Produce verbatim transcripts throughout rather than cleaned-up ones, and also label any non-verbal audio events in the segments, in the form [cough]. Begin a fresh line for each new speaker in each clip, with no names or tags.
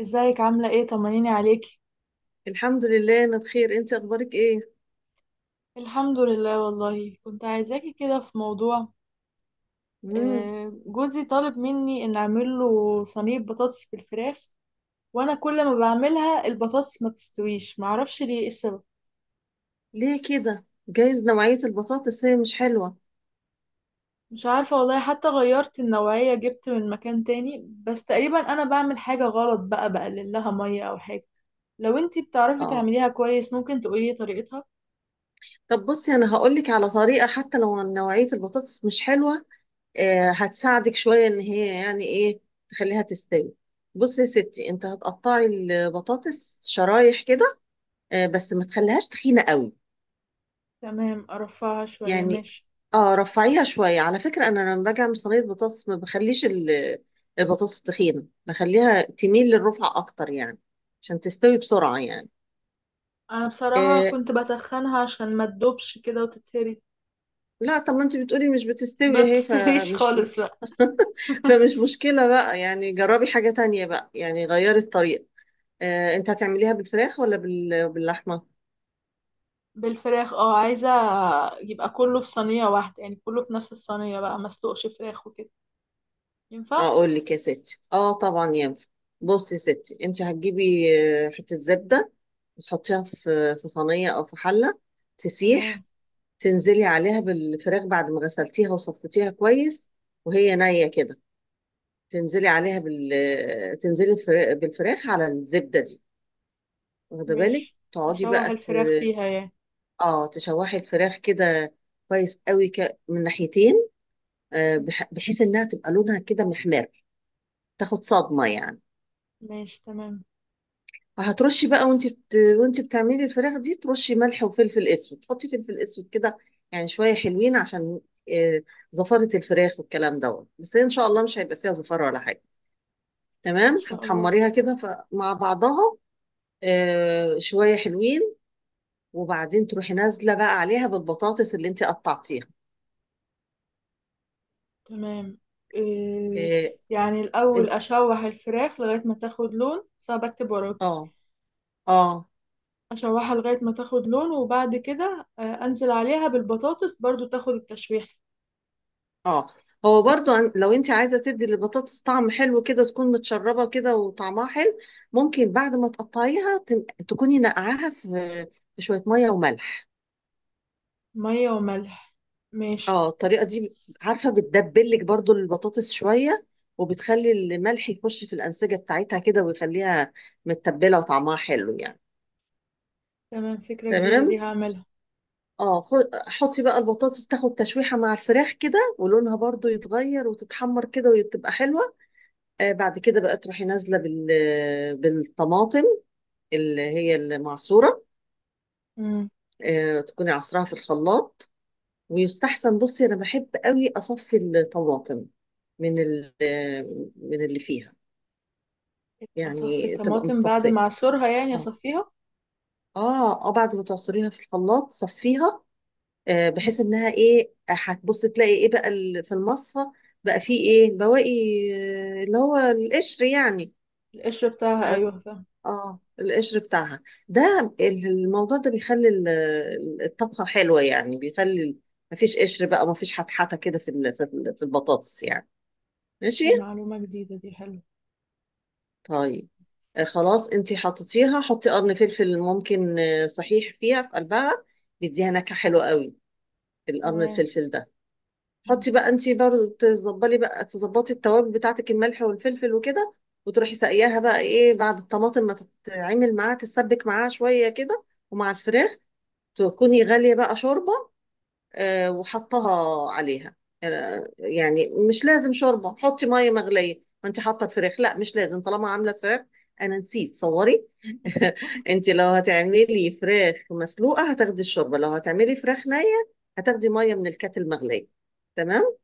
ازيك عاملة ايه؟ طمنيني عليكي.
الحمد لله، انا بخير. انت اخبارك ايه؟
الحمد لله والله كنت عايزاكي كده في موضوع.
امم
آه، جوزي طالب مني ان اعمل له صينية بطاطس بالفراخ، وانا كل ما بعملها البطاطس ما بتستويش. معرفش ليه، ايه السبب؟
ليه كده؟ جايز نوعية البطاطس هي مش حلوة.
مش عارفة والله، حتى غيرت النوعية، جبت من مكان تاني، بس تقريبا انا بعمل حاجة غلط بقى، بقلل لها مية او حاجة. لو انتي بتعرفي
اه،
تعمليها كويس ممكن تقولي طريقتها.
طب بصي، انا هقولك على طريقة حتى لو نوعية البطاطس مش حلوة. آه هتساعدك شوية ان هي يعني ايه تخليها تستوي. بصي يا ستي، انت هتقطعي البطاطس شرايح كده. آه بس ما تخليهاش تخينة قوي.
تمام، ارفعها شوية،
يعني،
ماشي.
اه، رفعيها شوية. على فكرة أنا لما باجي أعمل صينية بطاطس ما بخليش ال- البطاطس تخينة، بخليها تميل للرفع أكتر يعني. عشان تستوي بسرعة يعني.
انا بصراحة
إيه،
كنت بتخنها عشان ما تدوبش كده وتتهري.
لا طب ما أنت بتقولي مش
ما
بتستوي أهي
بتستويش
فمش.
خالص بقى.
[laughs] فمش
[laughs]
مشكلة بقى يعني، جربي حاجة تانية بقى يعني، غيري الطريقة. إيه، أنت هتعمليها بالفراخ ولا بال... باللحمة؟
بالفراخ، اه عايزة يبقى كله في صينية واحدة، يعني كله في نفس الصينية بقى، ما اسلقش فراخ وكده. ينفع؟
أقول لك يا ستي، اه طبعا ينفع. بصي يا ستي، أنت هتجيبي آه، حتة زبدة، وتحطيها في في صينية أو في حلة، تسيح.
تمام،
تنزلي عليها بالفراخ بعد ما غسلتيها وصفتيها كويس وهي نية كده. تنزلي عليها بال تنزلي الفرا- بالفراخ على الزبدة دي. واخدة بالك،
ماشي.
تقعدي
اشوح
بقى ت...
الفراخ فيها يعني.
اه تشوحي الفراخ كده، كويس قوي ك... من ناحيتين. آه بح... بحيث انها تبقى لونها كده محمر، تاخد صدمة يعني.
ماشي، تمام.
هترشي بقى، وانت بت... وانت بتعملي الفراخ دي ترشي ملح وفلفل اسود، تحطي فلفل اسود كده. يعني شويه حلوين عشان آه، زفاره الفراخ والكلام دوت. بس هي ان شاء الله مش هيبقى فيها زفاره ولا حاجه.
ان
تمام،
شاء الله.
هتحمريها كده ف- مع بعضها. آه، شويه حلوين. وبعدين تروحي نازله بقى عليها بالبطاطس اللي انت قطعتيها.
تمام. إيه
اه.
يعني الاول
إن-
اشوح الفراخ لغاية ما تاخد لون؟ صعب، اكتب وراكي.
اه. آه.
اشوحها لغاية ما تاخد لون، وبعد كده آه، انزل عليها بالبطاطس برضو تاخد التشويح.
اه، هو برضو أن- لو انت عايزه تدي للبطاطس طعم حلو كده، تكون متشربه كده وطعمها حلو. ممكن بعد ما تقطعيها تن- تكوني نقعاها في في شويه ميه وملح.
مية وملح، ماشي.
اه الطريقه دي، عارفه، بتدبلك برضو البطاطس شويه، وبتخلي الملح يخش في الانسجه بتاعتها كده ويخليها متبله وطعمها حلو يعني.
تمام، فكرة جديدة
تمام.
دي، هعملها.
اه خو- حطي بقى البطاطس تاخد تشويحه مع الفراخ كده، ولونها برضو يتغير وتتحمر كده وتبقى حلوه. آه، بعد كده بقى تروحي نازله بال بالطماطم اللي هي المعصوره.
امم.
آه، تكوني عصراها في الخلاط. ويستحسن، بصي انا بحب قوي اصفي الطماطم من ال... آه، من اللي فيها
اصفي
يعني، تبقى
الطماطم بعد ما
متصفيه.
اعصرها، يعني
اه،
اصفيها.
اه، آه، بعد ما تعصريها في الخلاط صفيها. آه، بحيث
تمام.
انها ايه، هتبصي تلاقي ايه بقى ال- في المصفى، بقى فيه ايه بواقي، آه، اللي هو القشر يعني.
القشر بتاعها،
هت-
ايوه فاهم.
اه القشر بتاعها. ده ال- الموضوع ده بيخلي ال- ال- الطبخة حلوة يعني، بيخلي ال- مفيش قشر بقى، مفيش حتحته كده في ال- في ال- في البطاطس يعني. ماشي.
دي معلومة جديدة دي، حلوة.
طيب. آه خلاص انتي حطيتيها، حطي قرن فلفل ممكن. آه، صحيح فيها في قلبها بيديها نكهة حلوة قوي، القرن
تمام.
الفلفل ده.
مم.
حطي بقى انتي برضه تظبلي بقى تظبطي التوابل بتاعتك، الملح والفلفل وكده. وتروحي ساقياها بقى ايه بعد الطماطم ما تتعمل معاها، تتسبك معاها شوية كده ومع الفراخ. تكوني غالية بقى شوربة، آه، وحطها عليها. آه، يعني مش لازم شوربة، حطي مية مغلية. ما انت حاطة الفراخ، لا مش لازم طالما عاملة فراخ. انا نسيت صوري. [laughs] انت لو هتعملي فراخ مسلوقة هتاخدي الشوربة، لو هتعملي فراخ نية هتاخدي مية من الكاتل المغلية. تمام.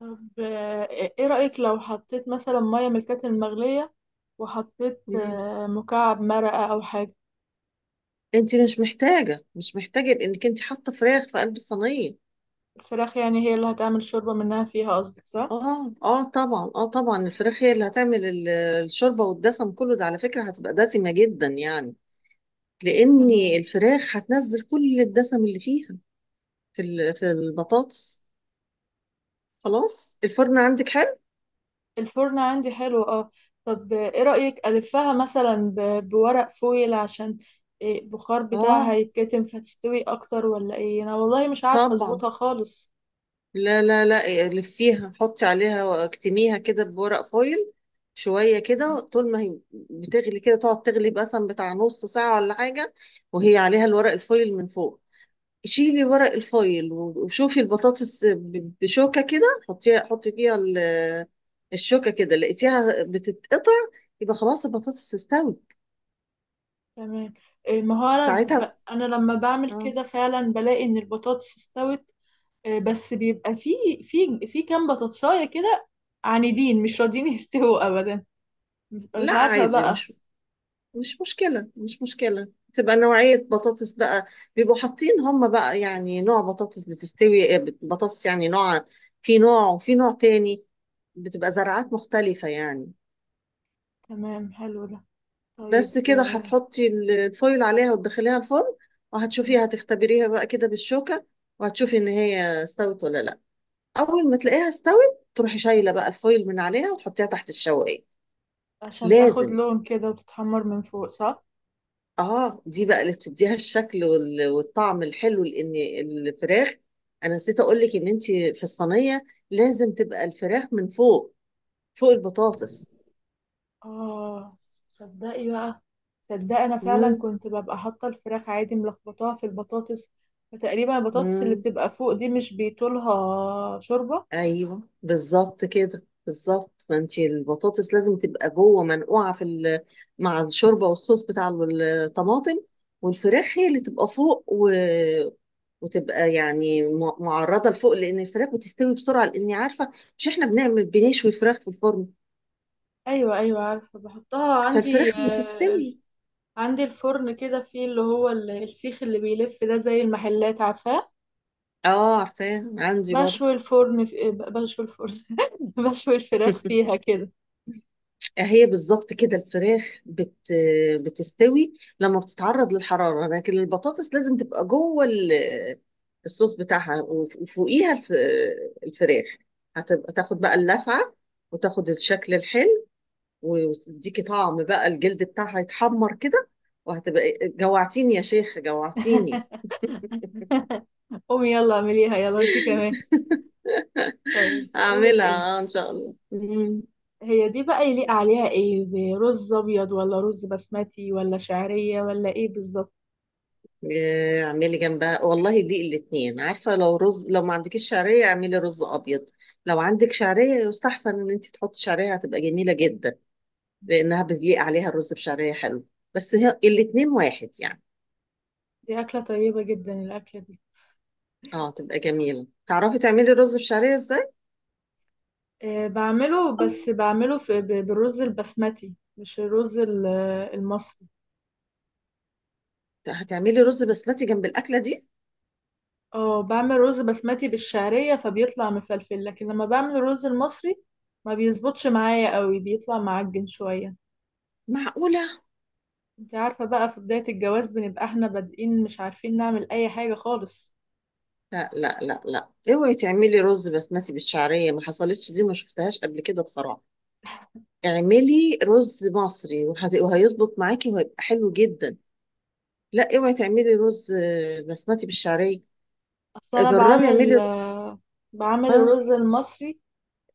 طب آه، ايه رأيك لو حطيت مثلا مية من الكاتل المغلية، وحطيت
مم.
آه، مكعب مرقة او حاجة؟
انت مش محتاجة مش محتاجة لانك انت حاطة فراخ في قلب الصينية.
الفراخ يعني هي اللي هتعمل شوربة منها فيها، قصدك صح؟
اه اه طبعا اه طبعا، الفراخ هي اللي هتعمل ال- الشوربة، والدسم كله ده على فكرة هتبقى دسمة جدا يعني، لأن
تمام.
الفراخ هتنزل كل الدسم اللي فيها في ال- في البطاطس. خلاص. الفرن عندك حلو؟
الفرن عندي حلو، اه. طب ايه رأيك ألفها مثلا ب- بورق فويل، عشان إيه، البخار بتاعها
اه
يتكتم فتستوي اكتر، ولا ايه؟ انا والله مش عارفة
طبعا.
اظبطها خالص.
لا لا لا، لفيها حطي عليها واكتميها كده بورق فويل. شوية كده، طول ما هي بتغلي كده تقعد تغلي مثلا بتاع نص ساعة ولا حاجة، وهي عليها الورق الفويل من فوق. شيلي ورق الفايل وشوفي البطاطس ب- بشوكة كده. حطيها حطي فيها ال- الشوكة كده، لقيتيها بتتقطع يبقى خلاص البطاطس استوت
تمام. إيه ما هو انا ب...
ساعتها.
انا لما بعمل
اه.
كده فعلا بلاقي ان البطاطس استوت. إيه بس بيبقى في في في كام بطاطساية كده عنيدين مش راضيين [laughs] يستووا ابدا. ببقى
لا
مش عارفة
عادي،
بقى.
مش مش مشكلة، مش مشكلة. تبقى نوعية بطاطس بقى. بيبقوا حاطين هم بقى يعني نوع بطاطس بتستوي، آه، بطاطس يعني نوع، في نوع وفي نوع تاني، بتبقى زراعات مختلفة يعني.
تمام، حلو ده. طيب
بس كده،
آه،
هتحطي ال- الفويل عليها وتدخليها الفرن، وهتشوفيها، هتختبريها بقى كده بالشوكة، وهتشوفي ان هي استوت ولا لا. اول ما تلاقيها استوت، تروحي شايلة بقى الفويل من عليها وتحطيها تحت الشواية،
عشان تاخد
لازم.
لون كده وتتحمر من فوق، صح؟
اه دي بقى اللي بتديها الشكل وال- والطعم الحلو. لان الفراخ، انا نسيت اقول لك ان انت في الصينية لازم تبقى الفراخ من فوق، فوق البطاطس.
اه، صدقي بقى. صدقي انا فعلا كنت ببقى حاطه الفراخ عادي ملخبطاها في البطاطس، فتقريبا البطاطس اللي
امم،
بتبقى فوق دي مش بيطولها شوربه.
ايوه بالظبط كده، بالظبط، ما انت البطاطس لازم تبقى جوه منقوعه في ال- مع الشوربه والصوص بتاع الطماطم. والفراخ هي اللي تبقى فوق و... وتبقى يعني م- معرضه لفوق، لان الفراخ بتستوي بسرعه، لاني عارفه. مش احنا بنعمل بنشوي فراخ في الفرن،
ايوه ايوه عارفه بحطها عندي.
فالفراخ
آه،
بتستوي.
عندي الفرن كده فيه اللي هو ال- السيخ اللي بيلف ده، زي المحلات، عارفاه؟
اه، عارفاه عندي برضه.
بشوي الفرن في... بشوي الفرن [laughs] بشوي الفراخ فيها
[laughs]
كده.
هي بالظبط كده، الفراخ بت بتستوي لما بتتعرض للحرارة، لكن البطاطس لازم تبقى جوه ال- الصوص بتاعها وف- وفوقيها الف- الفراخ. هتبقى تاخد بقى اللسعة، وتاخد الشكل الحلو، وتديكي طعم بقى، الجلد بتاعها يتحمر كده. وهتبقى جوعتيني يا شيخة، جوعتيني. [laughs]
[laughs] قومي يلا اعمليها يلا انت كمان. طيب بقول لك ايه،
هعملها آه، ان شاء الله. مم.
هي دي بقى يليق عليها ايه، دي رز ابيض ولا رز بسمتي ولا شعرية ولا ايه بالظبط؟
آه، اعملي جنبها والله دي الاتنين، عارفة؟ لو رز لو ما عندكيش شعرية اعملي رز ابيض. لو عندك شعرية يستحسن ان انت تحطي شعرية، هتبقى جميلة جدا، لانها بيليق عليها الرز بشعرية حلو. بس هي الاتنين واحد يعني.
دي اكلة طيبة جدا الاكلة دي.
اه، تبقى جميلة. تعرفي تعملي رز بشعرية ازاي؟
أه بعمله، بس بعمله في ب- بالرز البسمتي، مش الرز ال- المصري.
هتعملي رز بسمتي جنب الاكلة دي؟
اه، بعمل رز بسمتي بالشعرية فبيطلع مفلفل، لكن لما بعمل الرز المصري ما بيظبطش معايا قوي، بيطلع معجن شوية.
معقولة؟
انت عارفة بقى في بداية الجواز بنبقى احنا بادئين مش عارفين نعمل اي حاجة خالص.
لا لا لا لا، اوعي تعملي رز بسمتي بالشعرية، ما حصلتش دي، ما شفتهاش قبل كده بصراحة. اعملي رز مصري وهت- وهيظبط معاكي وهيبقى حلو جدا. لا، اوعي تعملي رز آه، بسمتي بالشعريه.
اصل انا
جربي، اعملي
بعمل
رز.
آه، بعمل
اه،
الرز المصري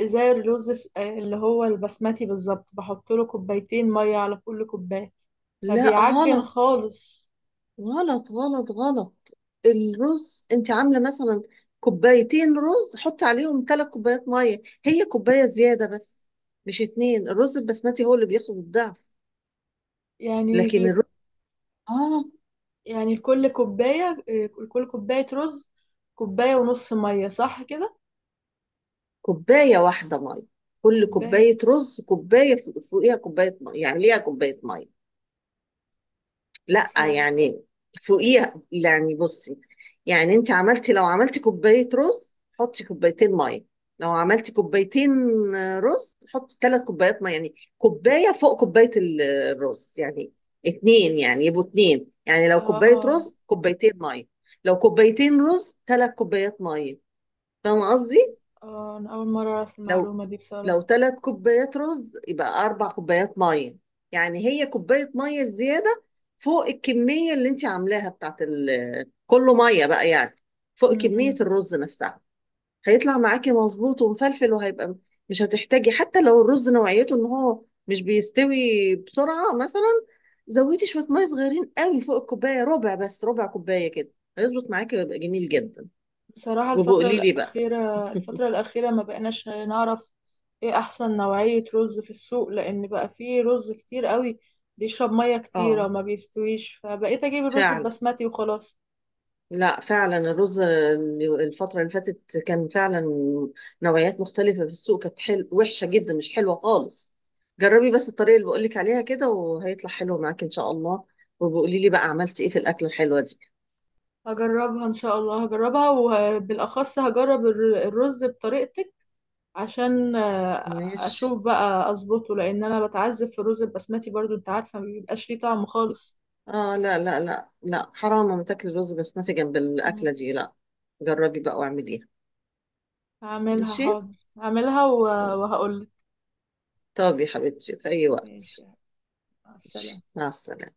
زي الرز الس- آه، اللي هو البسمتي بالظبط، بحط له كوبايتين ميه على كل كوبايه،
لا،
فبيعجن
غلط
خالص.
غلط غلط غلط. الرز، انت عامله مثلا كوبايتين رز، حطي عليهم ثلاث كوبايات ميه، هي كوبايه زياده بس، مش اتنين. الرز البسمتي هو اللي بياخد الضعف،
يعني
لكن
ل-
الرز. اه،
يعني لكل كوبايه، آه، لكل كوبايه رز كوبايه ونص ميه، صح كده؟
كوبايه واحده ميه. كل
كوبايه،
كوبايه رز، كوبايه فوقيها كوبايه ميه، يعني ليها كوبايه ميه. لا
اصلا،
يعني فوقيها يعني. بصي. يعني انت عملتي لو عملتي كوباية رز، حطي كوبايتين مية. لو عملتي كوبايتين رز، حطي ثلاث كوبايات مية. يعني كوباية فوق كوباية ال- الرز يعني، اتنين يعني، يبقوا اتنين، يعني لو
اه
كوباية
اه
رز كوبايتين مية. لو كوبايتين رز ثلاث كوبايات مية، فاهمة قصدي؟
اه انا اول مره اعرف
لو
المعلومه دي
لو
بصراحه.
ثلاث كوبايات رز يبقى اربع كوبايات ميه. يعني هي كوبايه ميه زياده فوق الكميه اللي انت عاملاها بتاعت ال- كله، ميه بقى يعني، فوق
م-
كميه
م.
الرز نفسها. هيطلع معاكي مظبوط ومفلفل وهيبقى. مش هتحتاجي حتى لو الرز نوعيته ان هو مش بيستوي بسرعه مثلا، زودي شويه ميه صغيرين قوي فوق الكوبايه، ربع بس، ربع كوبايه كده، هيظبط معاكي ويبقى جميل جدا.
بصراحة الفترة
وبقولي لي بقى.
الأخيرة
[laughs]
الفترة الأخيرة ما بقيناش نعرف ايه أحسن نوعية رز في السوق، لأن بقى فيه رز كتير قوي بيشرب مية كتيرة
اه
وما بيستويش، فبقيت أجيب الرز
فعلا.
البسمتي وخلاص.
لا فعلا الرز الفترة اللي فاتت كان فعلا نوعيات مختلفة في السوق، كانت حل... وحشة جدا، مش حلوة خالص. جربي بس الطريقة اللي بقولك عليها كده وهيطلع حلو معاك إن شاء الله، وبقولي لي بقى عملتي إيه في الأكلة الحلوة دي.
هجربها إن شاء الله، هجربها، وبالأخص هجرب الر- الرز بطريقتك عشان آه،
ماشي.
أشوف بقى أظبطه، لأن أنا بتعذب في الرز البسمتي برضو، أنت عارفة ما بيبقاش ليه طعم خالص.
آه لا لا لا لا، حرام ما تاكلي الرز بسمتي جنب
مم.
الأكلة دي، لا. جربي بقى واعمليها.
هعملها
ماشي.
حاضر، هعملها وهقول.
طب يا حبيبتي، في أي
ماشي،
وقت.
مع السلامة.
ماشي، مع السلامة.